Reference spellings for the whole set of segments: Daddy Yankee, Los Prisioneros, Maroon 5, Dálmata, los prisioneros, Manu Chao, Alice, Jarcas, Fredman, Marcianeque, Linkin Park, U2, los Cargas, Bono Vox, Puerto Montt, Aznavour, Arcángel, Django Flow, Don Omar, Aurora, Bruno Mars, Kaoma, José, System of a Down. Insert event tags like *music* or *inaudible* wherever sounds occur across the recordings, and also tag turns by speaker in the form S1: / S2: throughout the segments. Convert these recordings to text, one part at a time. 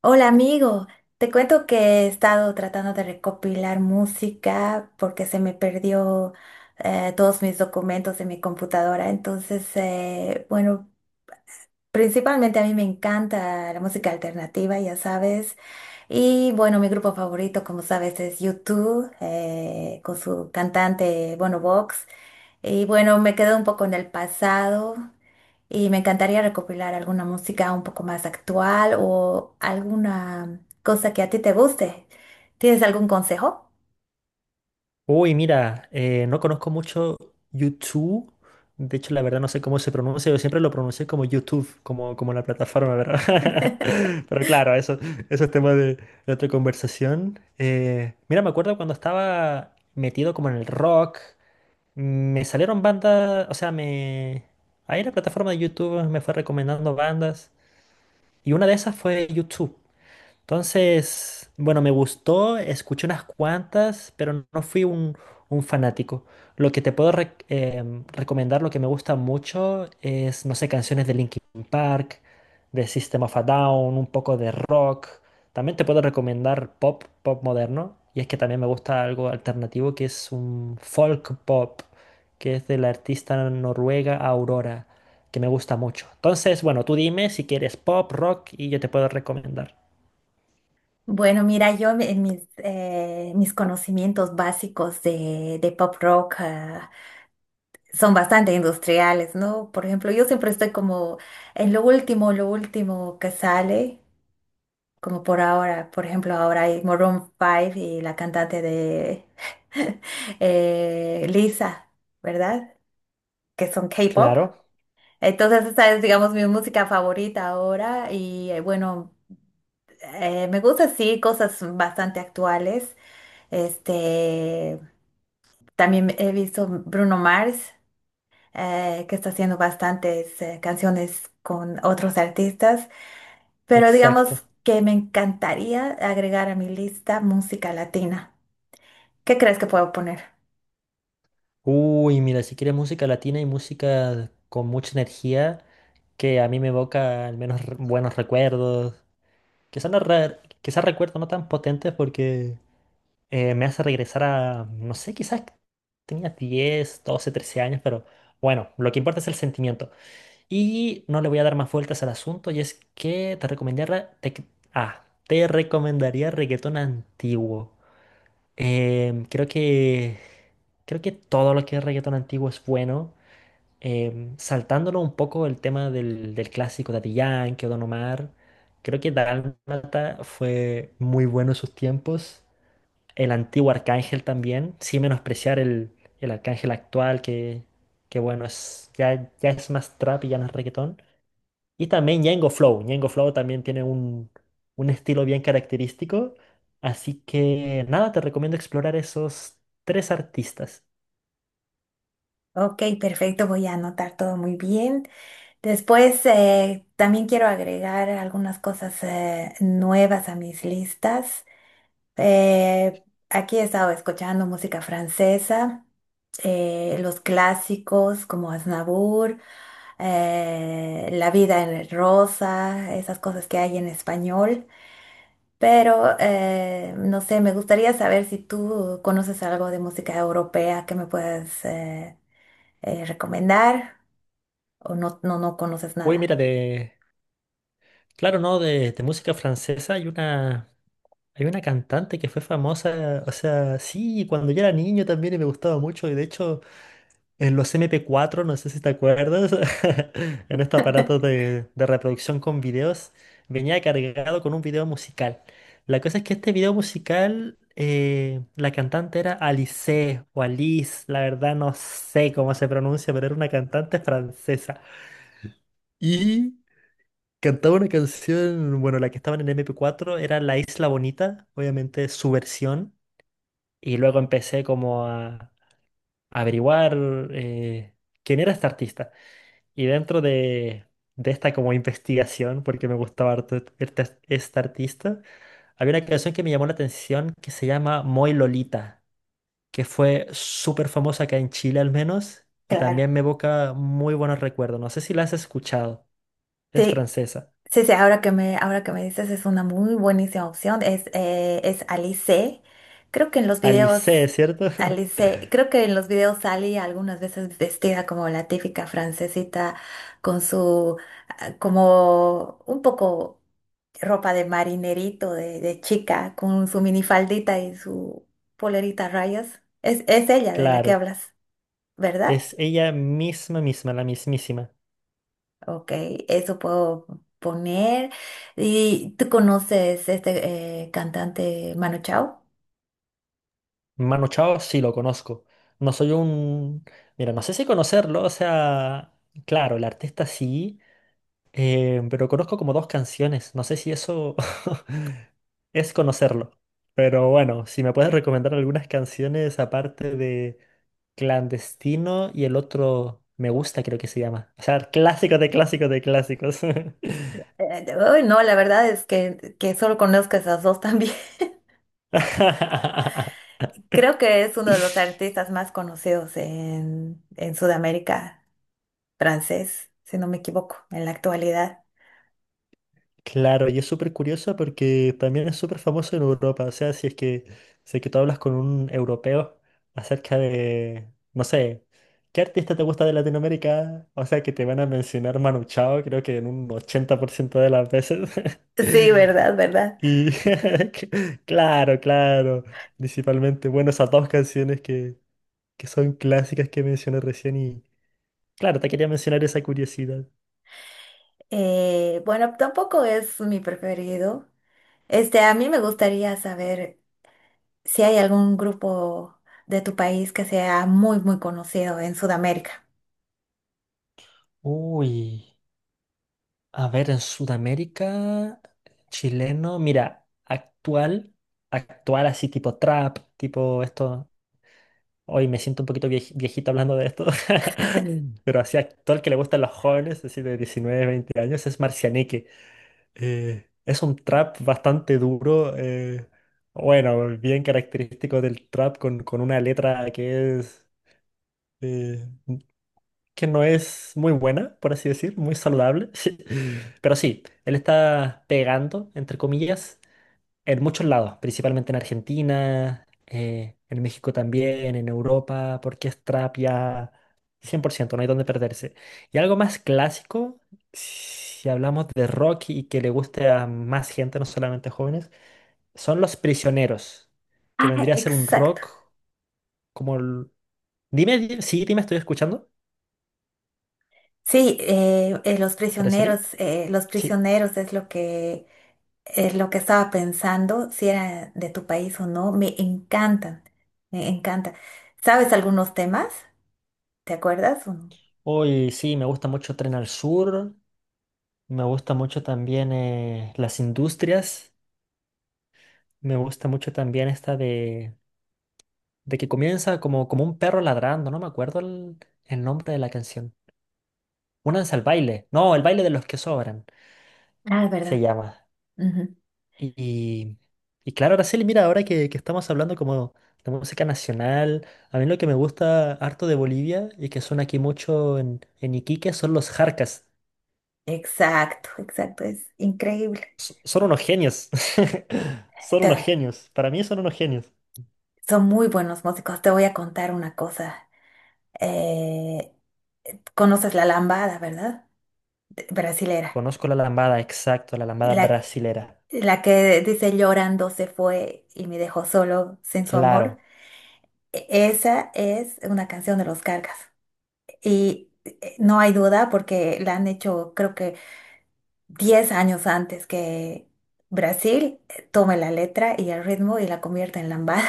S1: Hola amigo, te cuento que he estado tratando de recopilar música porque se me perdió todos mis documentos de mi computadora. Entonces, bueno, principalmente a mí me encanta la música alternativa, ya sabes. Y bueno, mi grupo favorito, como sabes, es U2 con su cantante, Bono Vox. Y bueno, me quedo un poco en el pasado. Y me encantaría recopilar alguna música un poco más actual o alguna cosa que a ti te guste. ¿Tienes algún consejo?
S2: Uy, mira, no conozco mucho YouTube. De hecho, la verdad no sé cómo se pronuncia. Yo siempre lo pronuncié como YouTube, como la plataforma, ¿verdad? *laughs* Pero claro, eso es tema de otra conversación. Mira, me acuerdo cuando estaba metido como en el rock, me salieron bandas, o sea, Ahí la plataforma de YouTube me fue recomendando bandas y una de esas fue YouTube. Entonces, bueno, me gustó, escuché unas cuantas, pero no fui un fanático. Lo que te puedo recomendar, lo que me gusta mucho es, no sé, canciones de Linkin Park, de System of a Down, un poco de rock. También te puedo recomendar pop, pop moderno. Y es que también me gusta algo alternativo que es un folk pop, que es de la artista noruega Aurora, que me gusta mucho. Entonces, bueno, tú dime si quieres pop, rock y yo te puedo recomendar.
S1: Bueno, mira, yo en mis, mis conocimientos básicos de pop rock son bastante industriales, ¿no? Por ejemplo, yo siempre estoy como en lo último que sale, como por ahora, por ejemplo, ahora hay Maroon 5 y la cantante de *laughs* Lisa, ¿verdad? Que son K-pop.
S2: Claro,
S1: Entonces esa es, digamos, mi música favorita ahora y bueno, me gusta sí cosas bastante actuales. Este, también he visto Bruno Mars, que está haciendo bastantes canciones con otros artistas, pero digamos
S2: exacto.
S1: que me encantaría agregar a mi lista música latina. ¿Qué crees que puedo poner?
S2: Uy, mira, si quieres música latina y música con mucha energía, que a mí me evoca al menos buenos recuerdos, quizás no quizás recuerdos no tan potentes porque me hace regresar a, no sé, quizás tenía 10, 12, 13 años, pero bueno, lo que importa es el sentimiento. Y no le voy a dar más vueltas al asunto y es que te recomendaría reggaetón antiguo. Em, creo que creo que todo lo que es reggaetón antiguo es bueno. Saltándolo un poco el tema del clásico Daddy Yankee o Don Omar, creo que Dálmata fue muy bueno en sus tiempos. El antiguo Arcángel también, sin menospreciar el Arcángel actual que bueno, es, ya es más trap y ya no es reggaetón. Y también Django Flow. Django Flow también tiene un estilo bien característico. Así que nada, te recomiendo explorar esos tres artistas.
S1: Ok, perfecto, voy a anotar todo muy bien. Después, también quiero agregar algunas cosas nuevas a mis listas. Eh, aquí he estado escuchando música francesa, los clásicos como Aznavour, La vida en rosa, esas cosas que hay en español. Pero, no sé, me gustaría saber si tú conoces algo de música europea que me puedas recomendar o no, no, no conoces
S2: Uy,
S1: nada.
S2: mira, de. Claro, no, de música francesa hay una. Hay una cantante que fue famosa. O sea, sí, cuando yo era niño también y me gustaba mucho. Y de hecho. En los MP4, no sé si te acuerdas, *laughs* en este aparato de reproducción con videos, venía cargado con un video musical. La cosa es que este video musical, la cantante era Alice o Alice, la verdad no sé cómo se pronuncia, pero era una cantante francesa. Y cantaba una canción, bueno, la que estaba en el MP4 era La Isla Bonita, obviamente su versión. Y luego empecé como a, averiguar eh, quién era esta artista. Y dentro de esta como investigación, porque me gustaba harto este artista, había una canción que me llamó la atención que se llama Moy Lolita, que fue súper famosa acá en Chile al menos, y
S1: Claro.
S2: también me evoca muy buenos recuerdos. No sé si la has escuchado, es
S1: Sí.
S2: francesa.
S1: Sí, sí, ahora que me dices es una muy buenísima opción. Es Alice. Creo que en los
S2: Alice,
S1: videos,
S2: ¿cierto? *laughs*
S1: Alice, creo que en los videos salí algunas veces vestida como la típica francesita con su, ah, como un poco ropa de marinerito, de chica, con su minifaldita y su polerita a rayas. Es ella de la que
S2: Claro,
S1: hablas, ¿verdad?
S2: es ella misma, misma, la mismísima.
S1: Ok, eso puedo poner. ¿Y tú conoces este cantante Manu Chao?
S2: Manu Chao sí lo conozco. No soy un... Mira, no sé si conocerlo, o sea, claro, el artista sí. Pero conozco como dos canciones, no sé si eso *laughs* es conocerlo. Pero bueno, si me puedes recomendar algunas canciones aparte de Clandestino y el otro Me Gusta, creo que se llama. O sea, clásicos de clásicos de clásicos.
S1: Uy, no, la verdad es que solo conozco esas dos también. *laughs*
S2: *laughs*
S1: Creo que es uno de los artistas más conocidos en Sudamérica, francés, si no me equivoco, en la actualidad.
S2: Claro, y es súper curioso porque también es súper famoso en Europa. O sea, si es que tú hablas con un europeo acerca de, no sé, ¿qué artista te gusta de Latinoamérica? O sea, que te van a mencionar Manu Chao, creo que en un 80% de las veces.
S1: Sí,
S2: *laughs*
S1: verdad, verdad.
S2: Y *laughs* claro, claro, principalmente, bueno, esas dos canciones que son clásicas que mencioné recién y, claro, te quería mencionar esa curiosidad.
S1: Bueno, tampoco es mi preferido. Este, a mí me gustaría saber si hay algún grupo de tu país que sea muy, muy conocido en Sudamérica.
S2: Uy. A ver, en Sudamérica, chileno, mira, actual, actual así tipo trap, tipo esto. Hoy me siento un poquito viejito hablando de esto, *laughs* Mm. Pero así actual que le gustan los jóvenes, así de 19 20 años, es Marcianeque. Es un trap bastante duro, bueno, bien característico del trap con una letra que es... eh, que no es muy buena, por así decir, muy saludable. *laughs* Pero sí, él está pegando, entre comillas, en muchos lados, principalmente en Argentina, en México también, en Europa, porque es trap ya 100%, no hay donde perderse. Y algo más clásico, si hablamos de rock y que le guste a más gente, no solamente jóvenes, son Los Prisioneros, que
S1: Ah,
S2: vendría a ser un
S1: exacto.
S2: rock como el... Dime, sí, dime, estoy escuchando,
S1: Sí,
S2: ¿parecería?
S1: los prisioneros es lo que estaba pensando, si era de tu país o no. Me encantan, me encantan. ¿Sabes algunos temas? ¿Te acuerdas o no?
S2: Hoy sí, me gusta mucho Tren al Sur, me gusta mucho también las industrias, me gusta mucho también esta de que comienza como, como un perro ladrando, no me acuerdo el nombre de la canción. Únanse al baile, no, el baile de los que sobran
S1: Ah,
S2: se
S1: verdad.
S2: llama.
S1: Ujú.
S2: Y, y, y claro, Araceli, mira, ahora que estamos hablando como de música nacional, a mí lo que me gusta harto de Bolivia y que suena aquí mucho en Iquique son los jarcas.
S1: Exacto, exacto. Es increíble.
S2: Son unos genios. *laughs* Son unos
S1: Te-
S2: genios. Para mí son unos genios.
S1: son muy buenos músicos. Te voy a contar una cosa. Eh, ¿Conoces la lambada, verdad? De- Brasilera.
S2: Conozco la lambada, exacto, la lambada
S1: La,
S2: brasilera.
S1: la que dice llorando se fue y me dejó solo sin su amor.
S2: Claro.
S1: E- esa es una canción de los Cargas. Y no hay duda porque la han hecho creo que 10 años antes que Brasil tome la letra y el ritmo y la convierta en lambada,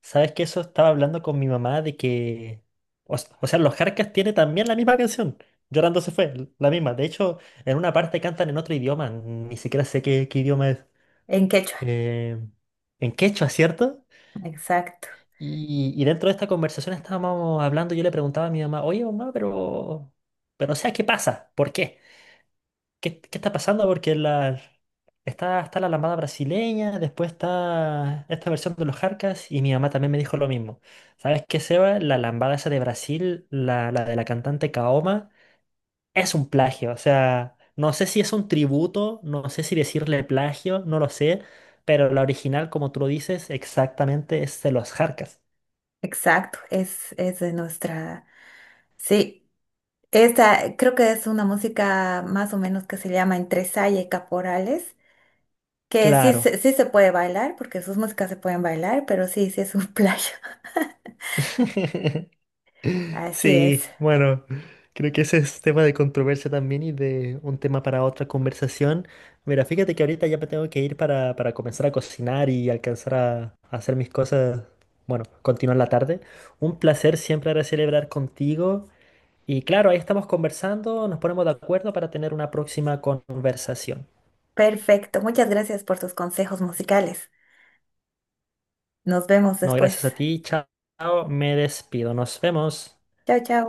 S2: ¿Sabes que eso estaba hablando con mi mamá de que... O, o sea, los Jarcas tiene también la misma canción. Llorando se fue, la misma. De hecho, en una parte cantan en otro idioma. Ni siquiera sé qué, qué idioma es.
S1: *laughs* en quechua.
S2: Eh, en quechua, ¿cierto?
S1: Exacto,
S2: Y dentro de esta conversación estábamos hablando, yo le preguntaba a mi mamá, oye mamá, pero... Pero o sea, ¿qué pasa? ¿Por qué? ¿Qué está pasando? Porque está la lambada brasileña, después está esta versión de los Jarcas y mi mamá también me dijo lo mismo. ¿Sabes qué, Seba? La lambada esa de Brasil, la de la cantante Kaoma, es un plagio. O sea, no sé si es un tributo, no sé si decirle plagio, no lo sé, pero la original, como tú lo dices, exactamente es de los Jarcas.
S1: exacto. Es de nuestra... Sí. Esta creo que es una música más o menos que se llama entre saya y caporales, que
S2: Claro.
S1: sí se puede bailar, porque sus músicas se pueden bailar, pero sí, sí es un *laughs* playo.
S2: *laughs*
S1: Así es.
S2: Sí, bueno, creo que ese es tema de controversia también y de un tema para otra conversación. Mira, fíjate que ahorita ya me tengo que ir para, comenzar a cocinar y alcanzar a hacer mis cosas, bueno, continuar la tarde. Un placer siempre ahora celebrar contigo y claro, ahí estamos conversando, nos ponemos de acuerdo para tener una próxima conversación.
S1: Perfecto. Muchas gracias por tus consejos musicales. Nos vemos
S2: No, gracias
S1: después.
S2: a ti, chao, me despido, nos vemos.
S1: Chao, chao.